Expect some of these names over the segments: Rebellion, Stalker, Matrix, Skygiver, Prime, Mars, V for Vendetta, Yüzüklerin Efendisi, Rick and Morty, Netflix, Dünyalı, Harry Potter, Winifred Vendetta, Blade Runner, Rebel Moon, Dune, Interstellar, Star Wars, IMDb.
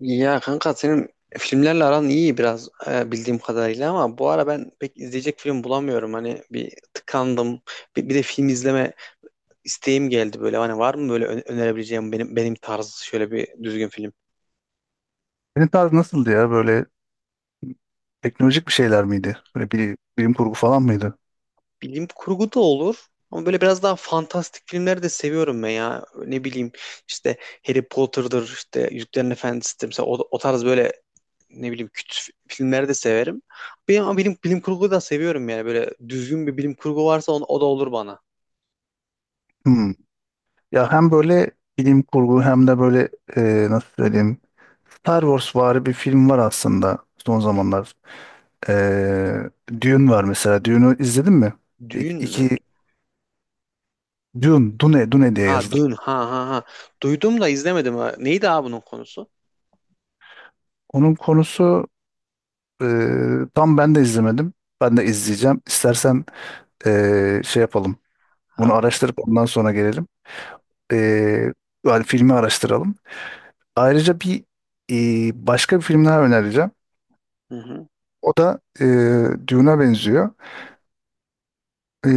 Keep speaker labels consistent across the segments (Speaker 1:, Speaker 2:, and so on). Speaker 1: Ya kanka, senin filmlerle aran iyi biraz, bildiğim kadarıyla, ama bu ara ben pek izleyecek film bulamıyorum. Hani bir tıkandım. Bir de film izleme isteğim geldi böyle. Hani var mı böyle önerebileceğim benim tarzı şöyle bir düzgün film?
Speaker 2: Senin tarz nasıldı ya? Böyle teknolojik bir şeyler miydi? Böyle bir, bilim kurgu falan mıydı?
Speaker 1: Bilim kurgu da olur. Ama böyle biraz daha fantastik filmleri de seviyorum ben ya. Ne bileyim, işte Harry Potter'dır, işte Yüzüklerin Efendisi'dir. Mesela o tarz böyle, ne bileyim, küt filmleri de severim. Benim, ama bilim kurgu da seviyorum yani. Böyle düzgün bir bilim kurgu varsa o da olur bana.
Speaker 2: Hmm. Ya hem böyle bilim kurgu hem de böyle nasıl söyleyeyim, Star Wars vari bir film var aslında son zamanlar. E, Dune var mesela. Dune'u izledin mi? İki,
Speaker 1: Düğün mü?
Speaker 2: iki Dune diye
Speaker 1: Ha,
Speaker 2: yazılır.
Speaker 1: Dün. Ha ha ha. Duydum da izlemedim. Ha. Neydi abi bunun konusu?
Speaker 2: Onun konusu, e, tam ben de izlemedim. Ben de izleyeceğim. İstersen şey yapalım. Bunu
Speaker 1: Ha,
Speaker 2: araştırıp ondan sonra gelelim. E, Yani filmi araştıralım. Ayrıca bir, başka bir film daha önereceğim.
Speaker 1: hı hı,
Speaker 2: O da Dune'a benziyor. E,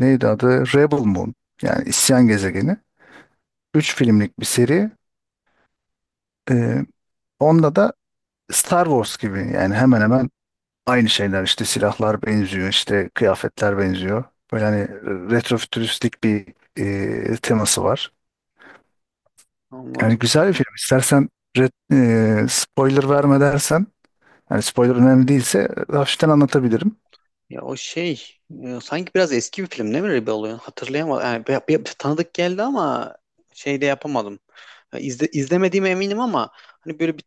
Speaker 2: Neydi adı? Rebel Moon. Yani İsyan Gezegeni. Üç filmlik bir seri. E, Onda da Star Wars gibi, yani hemen hemen aynı şeyler. İşte silahlar benziyor, işte kıyafetler benziyor. Böyle hani retrofütüristik bir teması var. Yani
Speaker 1: anladım.
Speaker 2: güzel bir film. İstersen, spoiler verme dersen. Yani spoiler önemli değilse hafiften anlatabilirim.
Speaker 1: Ya, o şey, sanki biraz eski bir film değil mi Rebel Oluyor? Hatırlayamadım. Yani, tanıdık geldi ama şey de yapamadım. Ya, izlemediğime eminim, ama hani böyle bir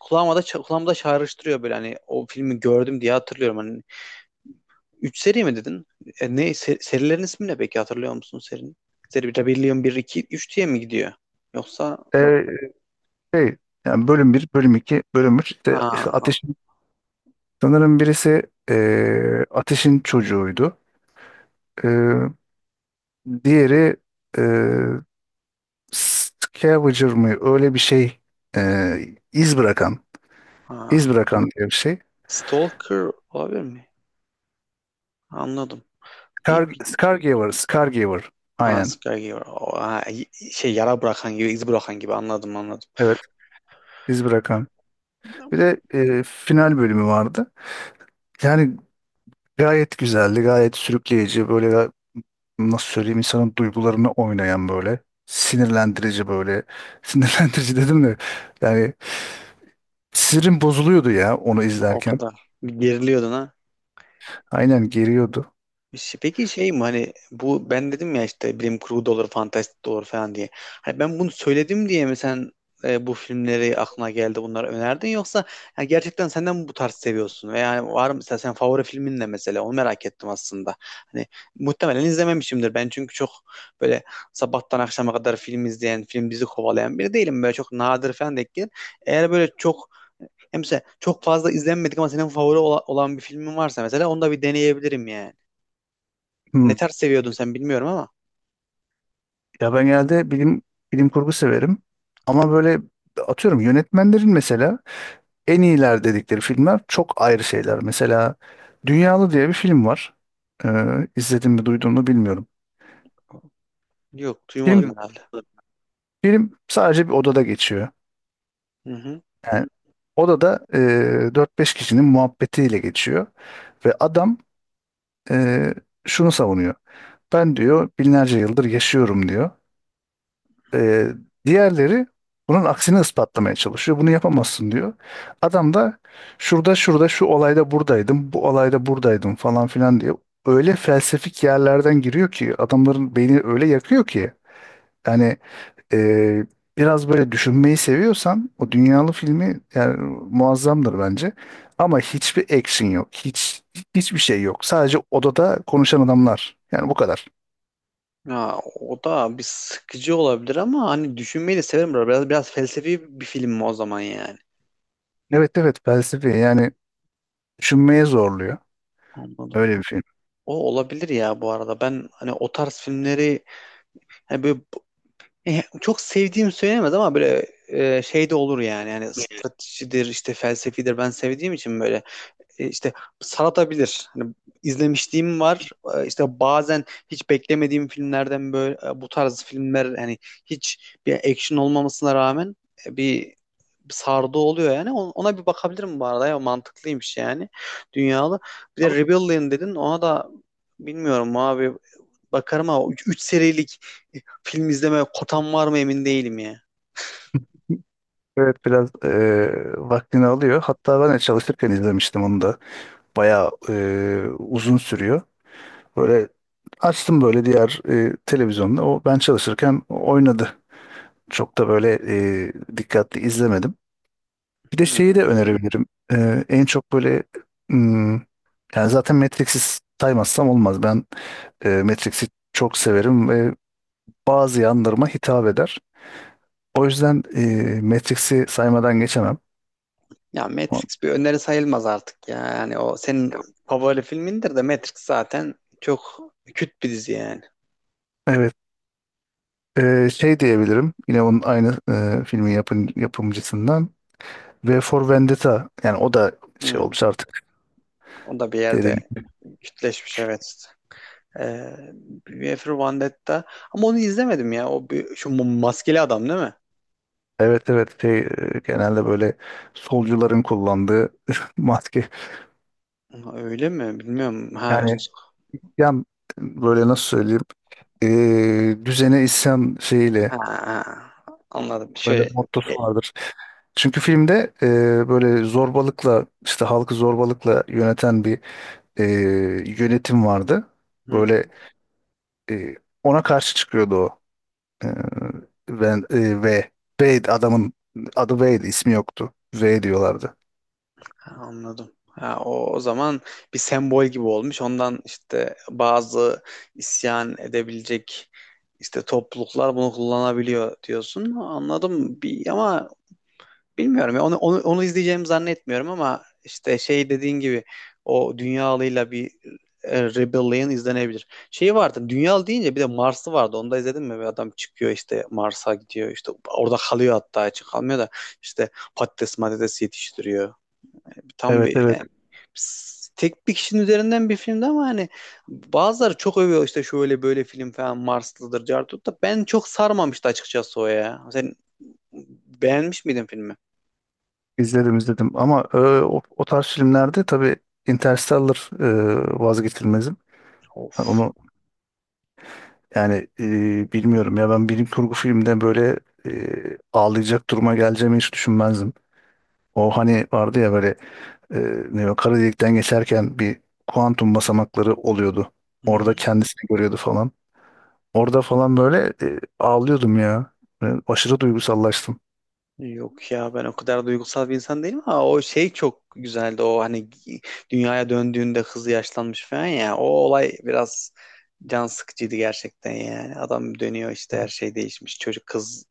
Speaker 1: kulağıma da kulağımda çağrıştırıyor böyle, hani o filmi gördüm diye hatırlıyorum. Hani üç seri mi dedin? Ne serilerin ismi ne peki, hatırlıyor musun serinin? Seri Rebellion bir 2 3 diye mi gidiyor? Yoksa
Speaker 2: Ee, Şey, yani bölüm bir, bölüm iki, bölüm üç. İşte,
Speaker 1: ha
Speaker 2: Ateş'in sanırım birisi, Ateş'in çocuğuydu. Ee, Diğeri e, scavenger mı? Öyle bir şey, e, iz bırakan,
Speaker 1: ha
Speaker 2: iz bırakan diye bir şey.
Speaker 1: Stalker olabilir mi? Anladım. Bir,
Speaker 2: Scar,
Speaker 1: bir-
Speaker 2: Scargiver, Scargiver.
Speaker 1: ha,
Speaker 2: Aynen.
Speaker 1: Skygiver. O, ha, şey, yara bırakan gibi, iz bırakan gibi, anladım anladım.
Speaker 2: Evet, iz bırakan. Bir de final bölümü vardı. Yani gayet güzeldi, gayet sürükleyici. Böyle, nasıl söyleyeyim, insanın duygularını oynayan böyle. Sinirlendirici böyle. Sinirlendirici dedim de, yani sinirim bozuluyordu ya onu
Speaker 1: O
Speaker 2: izlerken.
Speaker 1: kadar geriliyordun ha.
Speaker 2: Aynen, geriyordu.
Speaker 1: Peki şey mi, hani bu ben dedim ya işte bilim kurgu da olur, fantastik de olur falan diye. Hani ben bunu söyledim diye mi sen bu filmleri aklına geldi, bunları önerdin, yoksa ya gerçekten senden bu tarz seviyorsun veya, yani var mı mesela, sen favori filmin ne mesela, onu merak ettim aslında. Hani muhtemelen izlememişimdir ben, çünkü çok böyle sabahtan akşama kadar film izleyen, film dizi kovalayan biri değilim. Böyle çok nadir falan denk gelir. Eğer böyle çok, hem mesela çok fazla izlenmedik ama senin favori olan bir filmin varsa, mesela onu da bir deneyebilirim yani. Ne
Speaker 2: Hmm.
Speaker 1: tarz seviyordun sen, bilmiyorum ama.
Speaker 2: Ya ben genelde bilim kurgu severim. Ama böyle atıyorum, yönetmenlerin mesela en iyiler dedikleri filmler çok ayrı şeyler. Mesela Dünyalı diye bir film var. Ee, izledim mi, duydun mu bilmiyorum.
Speaker 1: Yok, duymadım
Speaker 2: Film
Speaker 1: herhalde.
Speaker 2: film sadece bir odada geçiyor.
Speaker 1: Hı hı.
Speaker 2: Yani odada, 4-5 kişinin muhabbetiyle geçiyor. Ve adam, e, şunu savunuyor. Ben, diyor, binlerce yıldır yaşıyorum, diyor. Ee, Diğerleri bunun aksini ispatlamaya çalışıyor. Bunu yapamazsın diyor. Adam da şurada şurada şu olayda buradaydım, bu olayda buradaydım falan filan diye öyle felsefik yerlerden giriyor ki adamların beyni öyle yakıyor ki, yani e, biraz böyle düşünmeyi seviyorsan o dünyalı filmi, yani muazzamdır bence. Ama hiçbir action yok. Hiçbir şey yok. Sadece odada konuşan adamlar. Yani bu kadar.
Speaker 1: Ya, o da bir sıkıcı olabilir ama hani düşünmeyi de severim. Biraz felsefi bir film mi o zaman yani?
Speaker 2: Evet, evet, felsefi, yani düşünmeye zorluyor.
Speaker 1: Anladım.
Speaker 2: Öyle bir film.
Speaker 1: O olabilir ya bu arada. Ben hani o tarz filmleri, hani böyle, çok sevdiğim söylenemez ama böyle, şey de olur yani. Yani stratejidir, işte felsefidir, ben sevdiğim için böyle, işte saratabilir. Hani izlemişliğim var. İşte bazen hiç beklemediğim filmlerden böyle, bu tarz filmler, hani hiç bir action olmamasına rağmen bir sardı oluyor yani. Ona bir bakabilirim bu arada, ya mantıklıymış yani, dünyalı. Bir de Rebellion dedin, ona da bilmiyorum abi, bakarım ama 3 serilik e, film izleme kotam var mı emin değilim ya.
Speaker 2: Evet, biraz vaktini alıyor. Hatta ben de çalışırken izlemiştim onu da. Bayağı uzun sürüyor. Böyle açtım böyle diğer, televizyonda. O ben çalışırken oynadı. Çok da böyle dikkatli izlemedim. Bir de şeyi
Speaker 1: Hı.
Speaker 2: de önerebilirim. En çok böyle, hmm, yani zaten Matrix'i saymazsam olmaz. Ben Matrix'i çok severim ve bazı yanlarıma hitap eder. O yüzden Matrix'i saymadan geçemem.
Speaker 1: Ya Matrix bir öneri sayılmaz artık ya. Yani o senin favori filmindir de, Matrix zaten çok küt bir dizi yani.
Speaker 2: Evet. Şey diyebilirim. Yine onun aynı, filmin yapımcısından. V for Vendetta. Yani o da şey
Speaker 1: Hı.
Speaker 2: olmuş artık.
Speaker 1: O da bir yerde
Speaker 2: Derin.
Speaker 1: kütleşmiş, evet. Ee, Winifred Vendetta. Ama onu izlemedim ya. O bir, maskeli adam değil mi?
Speaker 2: Evet, evet. Şey, genelde böyle solcuların kullandığı maske.
Speaker 1: Ha, öyle mi? Bilmiyorum. Ha,
Speaker 2: Yani, yan böyle nasıl söyleyeyim? Düzene isyan
Speaker 1: ha,
Speaker 2: şeyiyle
Speaker 1: ha. Anladım.
Speaker 2: böyle
Speaker 1: Şey, e,
Speaker 2: mottosu vardır. Çünkü filmde, böyle zorbalıkla, işte halkı zorbalıkla yöneten bir e, yönetim vardı.
Speaker 1: hı,
Speaker 2: Böyle.
Speaker 1: hı.
Speaker 2: E, Ona karşı çıkıyordu o. E, Ben, V. Wade adamın adı Wade ismi yoktu. V diyorlardı.
Speaker 1: Ha, anladım. Ha, o zaman bir sembol gibi olmuş. Ondan işte bazı isyan edebilecek işte topluluklar bunu kullanabiliyor diyorsun. Anladım. Ama bilmiyorum ya, onu izleyeceğimi zannetmiyorum, ama işte şey dediğin gibi o dünyalıyla bir Rebellion izlenebilir. Şey vardı, Dünya deyince bir de Mars'ı vardı, onu da izledin mi? Bir adam çıkıyor işte, Mars'a gidiyor işte, orada kalıyor, hatta hiç kalmıyor da işte patates matates yetiştiriyor. Tam
Speaker 2: Evet,
Speaker 1: bir
Speaker 2: evet,
Speaker 1: tek bir kişinin üzerinden bir filmdi, ama hani bazıları çok övüyor işte şöyle böyle film falan, Marslıdır Cartut da ben çok sarmamıştı açıkçası o ya. Sen beğenmiş miydin filmi?
Speaker 2: izledim izledim, ama o tarz filmlerde tabii Interstellar vazgeçilmezim. Yani
Speaker 1: Of.
Speaker 2: onu. Yani, bilmiyorum ya, ben bilim kurgu filmde böyle ağlayacak duruma geleceğimi hiç düşünmezdim. O hani vardı ya, böyle e, ne, o kara delikten geçerken bir kuantum basamakları oluyordu.
Speaker 1: Hı
Speaker 2: Orada
Speaker 1: hı.
Speaker 2: kendisini görüyordu falan. Orada falan böyle ağlıyordum ya. Ben aşırı duygusallaştım.
Speaker 1: Yok ya, ben o kadar duygusal bir insan değilim, ama o şey çok güzeldi o, hani dünyaya döndüğünde hızlı yaşlanmış falan ya, o olay biraz can sıkıcıydı gerçekten, yani adam dönüyor işte her şey değişmiş, çocuk kız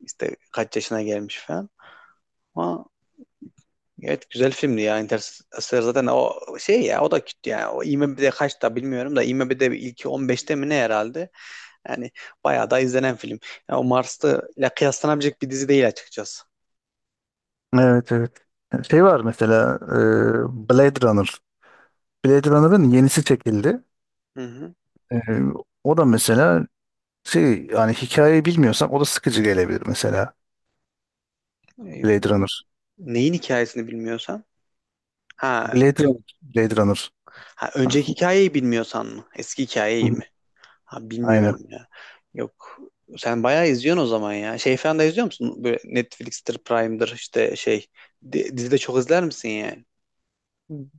Speaker 1: işte kaç yaşına gelmiş falan, ama evet güzel filmdi ya Interstellar, zaten o şey ya, o da kötü, yani o IMDb'de kaçta bilmiyorum da, IMDb'de ilki 15'te mi ne herhalde, yani bayağı da izlenen film, yani o Mars'ta ile kıyaslanabilecek bir dizi değil açıkçası.
Speaker 2: Evet, evet. Şey var mesela, Blade Runner. Blade Runner'ın yenisi çekildi.
Speaker 1: Hı
Speaker 2: E, O da mesela şey, yani hikayeyi bilmiyorsan o da sıkıcı gelebilir mesela.
Speaker 1: hı.
Speaker 2: Blade Runner.
Speaker 1: Neyin hikayesini bilmiyorsan? Ha,
Speaker 2: Blade Runner. Blade Runner.
Speaker 1: ha
Speaker 2: Hı
Speaker 1: önceki hikayeyi bilmiyorsan mı? Eski hikayeyi
Speaker 2: hı.
Speaker 1: mi? Ha bilmiyorum
Speaker 2: Aynen.
Speaker 1: ya. Yok. Sen bayağı izliyorsun o zaman ya. Şey falan da izliyor musun? Böyle Netflix'tir, Prime'dır, işte şey. Dizi çok izler misin yani?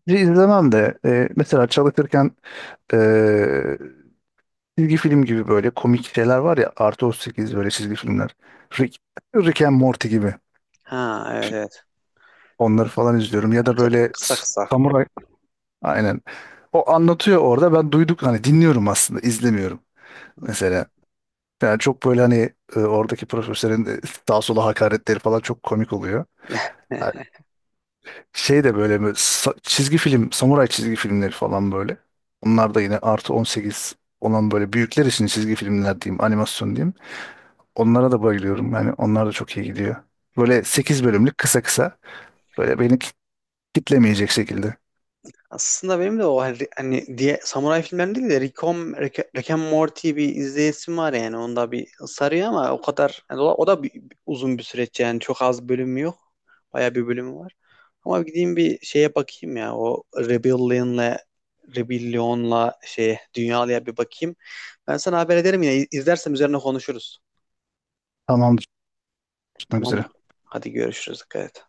Speaker 2: Dizi izlemem de, mesela çalışırken e, çizgi film gibi böyle komik şeyler var ya, artı 38 böyle çizgi filmler. Rick, Rick and Morty gibi.
Speaker 1: Ha, evet evet.
Speaker 2: Onları falan izliyorum. Ya da böyle,
Speaker 1: Kısa kısa.
Speaker 2: samuray. Aynen. O anlatıyor orada. Ben duyduk hani, dinliyorum aslında, izlemiyorum. Mesela, yani çok böyle hani oradaki profesörün sağa sola hakaretleri falan çok komik oluyor. Şey de böyle, böyle çizgi film, samuray çizgi filmleri falan böyle. Onlar da yine artı 18 olan böyle büyükler için çizgi filmler diyeyim, animasyon diyeyim. Onlara da bayılıyorum. Yani onlar da çok iyi gidiyor. Böyle 8 bölümlük, kısa kısa. Böyle beni kitlemeyecek şekilde.
Speaker 1: Aslında benim de o hani diye samuray filmlerini değil de Rick and Morty bir izleyesim var yani. Onda bir sarıyor ama o kadar yani, o da uzun bir süreç yani, çok az bölümü yok. Baya bir bölümü var. Ama gideyim bir şeye bakayım ya, o Rebellion'la şey Dünyalı'ya bir bakayım. Ben sana haber ederim, yine izlersem üzerine konuşuruz.
Speaker 2: Tamamdır, tutmak
Speaker 1: Tamam.
Speaker 2: üzere.
Speaker 1: Hadi görüşürüz. Dikkat et.